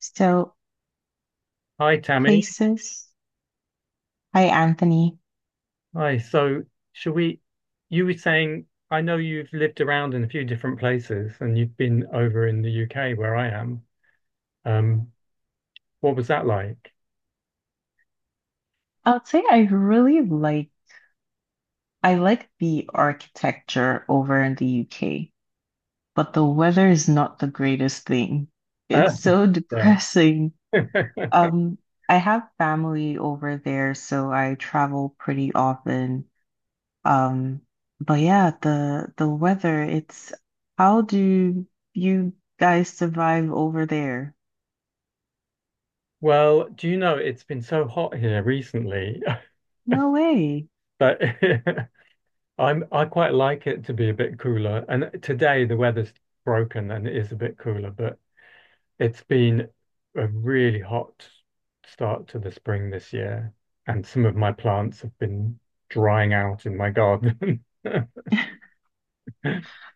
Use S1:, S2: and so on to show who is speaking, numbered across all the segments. S1: So
S2: Hi, Tammy.
S1: places Hi, Anthony.
S2: Hi. So, should we? You were saying, I know you've lived around in a few different places and you've been over in the UK where I am. Um, what was that like?
S1: I would say I really like I like the architecture over in the UK, but the weather is not the greatest thing.
S2: Uh,
S1: It's so
S2: yeah.
S1: depressing. Um, I have family over there, so I travel pretty often. Um, but yeah, the weather, it's how do you guys survive over there?
S2: Well, do you know it's been so hot here recently
S1: No way.
S2: that I quite like it to be a bit cooler. And today the weather's broken and it is a bit cooler, but it's been a really hot start to the spring this year, and some of my plants have been drying out in my garden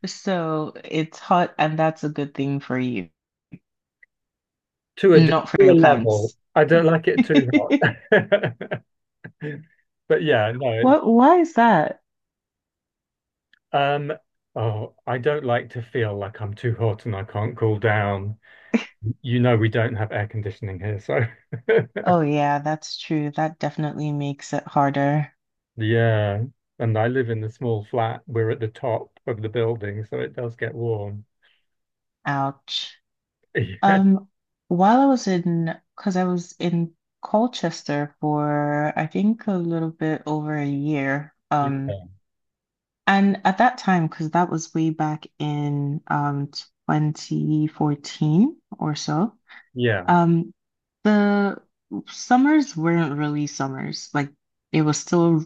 S1: So it's hot, and that's a good thing for you,
S2: to
S1: not for
S2: a
S1: your
S2: level.
S1: plants.
S2: I don't like it too hot. But yeah, no, it's
S1: What, why is that?
S2: um oh, I don't like to feel like I'm too hot and I can't cool down. You know we don't have air conditioning here, so
S1: Oh, yeah, that's true. That definitely makes it harder.
S2: yeah. And I live in a small flat. We're at the top of the building, so it does get warm.
S1: Ouch. Um, while I was in, because I was in Colchester for, I think, a little bit over a year.
S2: Yeah.
S1: And at that time, because that was way back in 2014 or so.
S2: Yeah.
S1: Um, the summers weren't really summers. Like it was still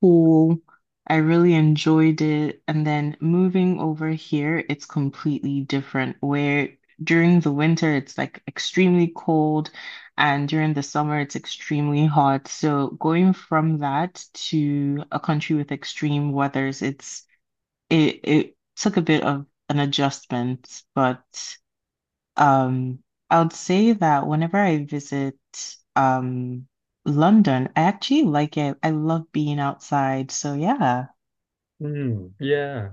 S1: cool. I really enjoyed it. And then moving over here, it's completely different where during the winter it's like extremely cold and during the summer it's extremely hot. So going from that to a country with extreme weathers, it took a bit of an adjustment, but um, I would say that whenever I visit um London, I actually like it. I love being outside. So yeah.
S2: Mm, yeah.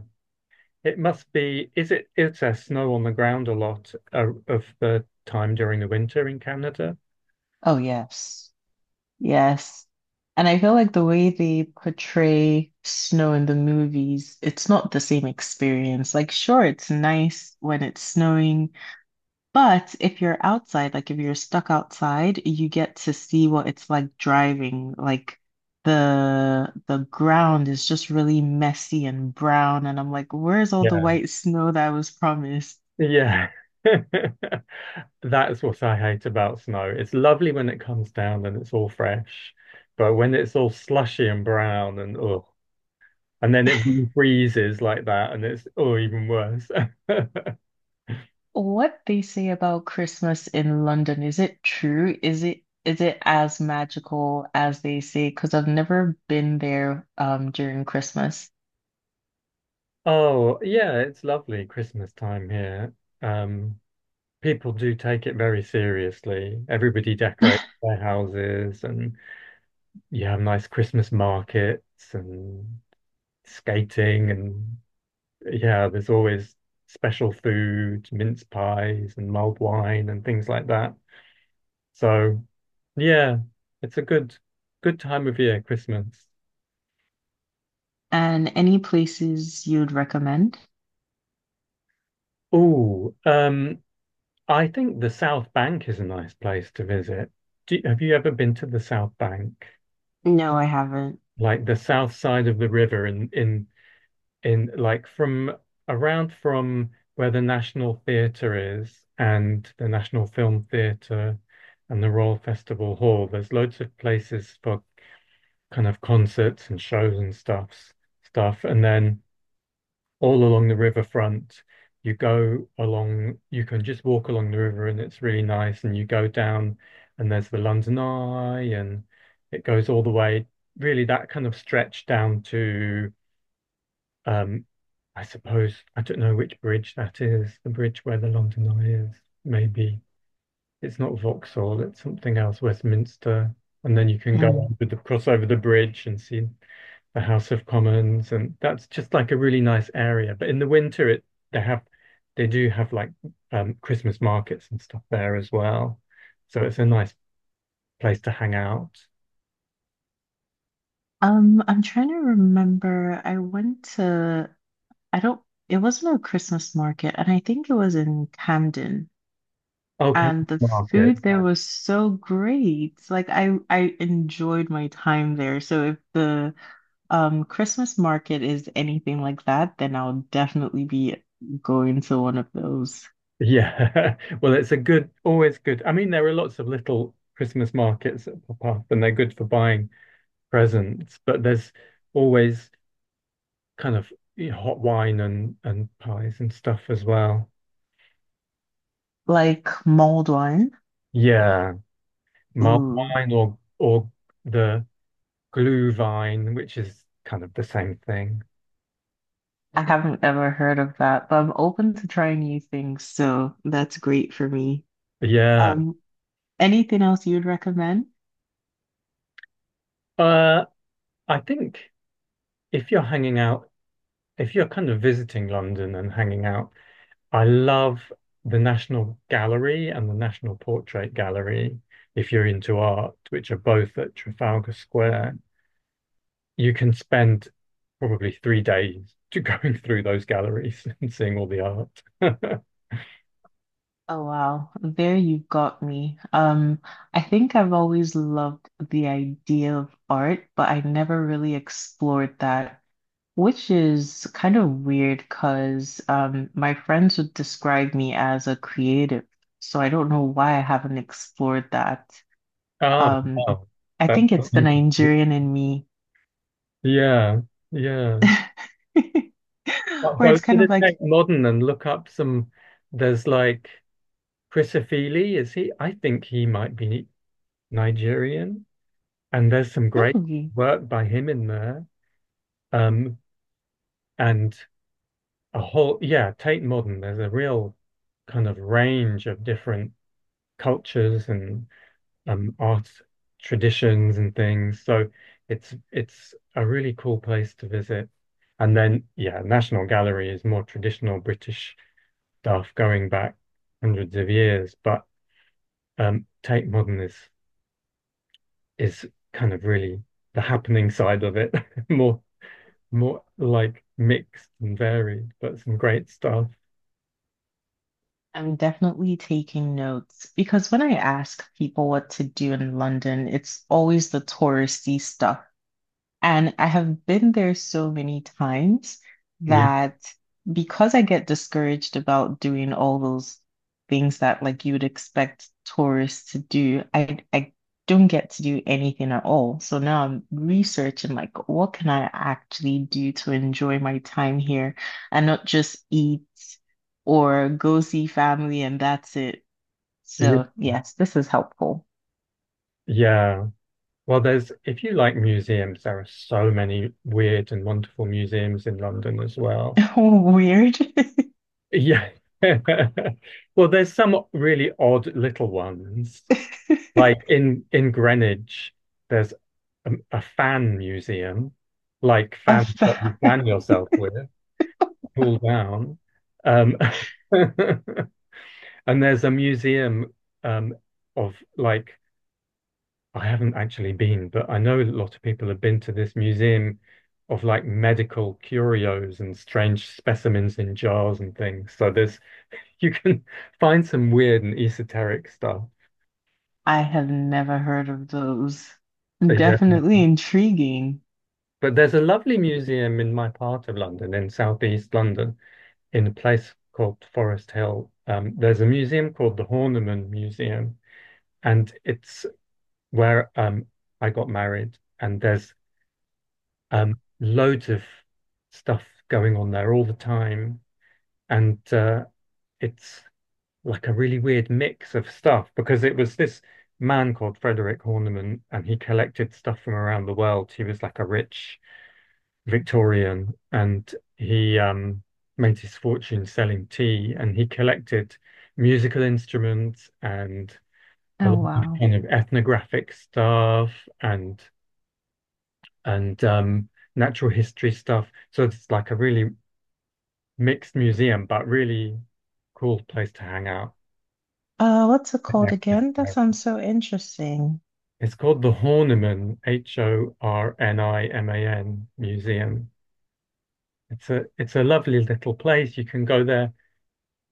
S2: It must be, is it, is there snow on the ground a lot of the time during the winter in Canada?
S1: Oh yes. Yes. And I feel like the way they portray snow in the movies, it's not the same experience. Like, sure, it's nice when it's snowing, but if you're outside, like if you're stuck outside, you get to see what it's like driving. Like the ground is just really messy and brown, and I'm like, where's all the
S2: Yeah.
S1: white snow that was promised?
S2: Yeah. That's what I hate about snow. It's lovely when it comes down and it's all fresh, but when it's all slushy and brown and oh, and then it really freezes like that and it's oh, even worse.
S1: What they say about Christmas in London, is it true? Is it as magical as they say? Because I've never been there during Christmas.
S2: Oh, yeah, it's lovely Christmas time here. Um, People do take it very seriously. Everybody decorates their houses, and you have nice Christmas markets and skating, and yeah, there's always special food, mince pies and mulled wine and things like that. So yeah, it's a good time of year, Christmas.
S1: And any places you'd recommend?
S2: Oh, I think the South Bank is a nice place to visit. Do, have you ever been to the South Bank?
S1: No, I haven't.
S2: Like the south side of the river in like from around from where the National Theatre is and the National Film Theatre and the Royal Festival Hall. There's loads of places for kind of concerts and shows and stuff. And then all along the riverfront, you go along, you can just walk along the river and it's really nice. And you go down and there's the London Eye and it goes all the way, really that kind of stretch down to um, I suppose I don't know which bridge that is, the bridge where the London Eye is. Maybe it's not Vauxhall, it's something else, Westminster. And then you can go over the cross over the bridge and see the House of Commons, and that's just like a really nice area. But in the winter, it they have they do have Christmas markets and stuff there as well, so it's a nice place to hang out.
S1: I'm trying to remember. I went to, I don't, it wasn't a Christmas market, and I think it was in Camden.
S2: Oh, Camden
S1: And the
S2: Market.
S1: food there was so great. I enjoyed my time there. So if the Christmas market is anything like that, then I'll definitely be going to one of those.
S2: Yeah. Well, it's a good, always good. I mean, there are lots of little Christmas markets that pop up and they're good for buying presents, but there's always kind of hot wine and pies and stuff as well.
S1: Like mulled wine.
S2: Yeah. Mulled
S1: Ooh,
S2: wine or the glue vine, which is kind of the same thing.
S1: I haven't ever heard of that, but I'm open to trying new things, so that's great for me.
S2: Yeah.
S1: Um, Anything else you'd recommend?
S2: Uh, I think if you're hanging out, if you're kind of visiting London and hanging out I love the National Gallery and the National Portrait Gallery, if you're into art, which are both at Trafalgar Square. You can spend probably 3 days to going through those galleries and seeing all the art.
S1: Oh wow, there you got me. I think I've always loved the idea of art, but I never really explored that, which is kind of weird because my friends would describe me as a creative, so I don't know why I haven't explored that.
S2: Oh,
S1: Um,
S2: wow.
S1: I
S2: That's
S1: think it's the
S2: something.
S1: Nigerian in me,
S2: Yeah, yeah. I'll
S1: where
S2: go
S1: it's
S2: to
S1: kind of
S2: the
S1: like,
S2: Tate Modern and look up some. There's like Chris Ofili, is he? I think he might be Nigerian. And there's some great
S1: really?
S2: work by him in there. Um, and a whole, yeah, Tate Modern, there's a real kind of range of different cultures and art traditions and things. So it's a really cool place to visit. And then, yeah, National Gallery is more traditional British stuff going back hundreds of years, but Tate Modern is kind of really the happening side of it, more more like mixed and varied, but some great stuff.
S1: I'm definitely taking notes because when I ask people what to do in London, it's always the touristy stuff. And I have been there so many times
S2: Yeah.
S1: that because I get discouraged about doing all those things that like you would expect tourists to do, I don't get to do anything at all. So now I'm researching like what can I actually do to enjoy my time here and not just eat or go see family and that's it.
S2: Y-
S1: So yes, this is helpful.
S2: Yeah. Well, there's, if you like museums, there are so many weird and wonderful museums in London as well.
S1: Weird.
S2: Yeah. Well, there's some really odd little ones. Like in Greenwich, there's a fan museum, like
S1: A
S2: fans that you
S1: fact.
S2: fan yourself with, cool down. Um, and there's a museum um, of like I haven't actually been, but I know a lot of people have been to this museum of like medical curios and strange specimens in jars and things. So there's you can find some weird and esoteric stuff.
S1: I have never heard of those.
S2: Yeah.
S1: Definitely intriguing.
S2: But there's a lovely museum in my part of London, in southeast London, in a place called Forest Hill. There's a museum called the Horniman Museum, and it's where I got married. And there's loads of stuff going on there all the time, and it's like a really weird mix of stuff because it was this man called Frederick Horniman, and he collected stuff from around the world. He was like a rich Victorian, and he made his fortune selling tea, and he collected musical instruments and a
S1: Oh,
S2: lot of
S1: wow.
S2: kind of ethnographic stuff and and um, natural history stuff. So it's like a really mixed museum, but really cool place to hang out.
S1: What's it called
S2: Yeah.
S1: again? That sounds so interesting.
S2: It's called the Horniman, Horniman Museum. It's a lovely little place. You can go there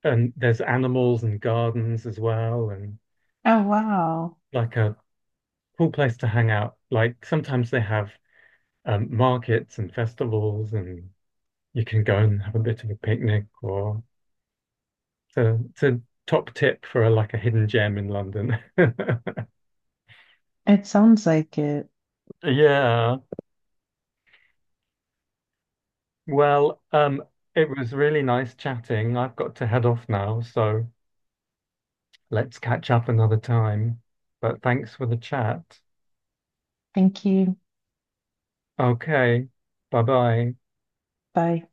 S2: and there's animals and gardens as well and
S1: Oh, wow.
S2: like a cool place to hang out. Like sometimes they have markets and festivals and you can go and have a bit of a picnic or it's a top tip for a, like a hidden gem in London.
S1: It sounds like it.
S2: Yeah. Well, it was really nice chatting. I've got to head off now, so let's catch up another time. But thanks for the chat.
S1: Thank you.
S2: Okay, bye bye.
S1: Bye.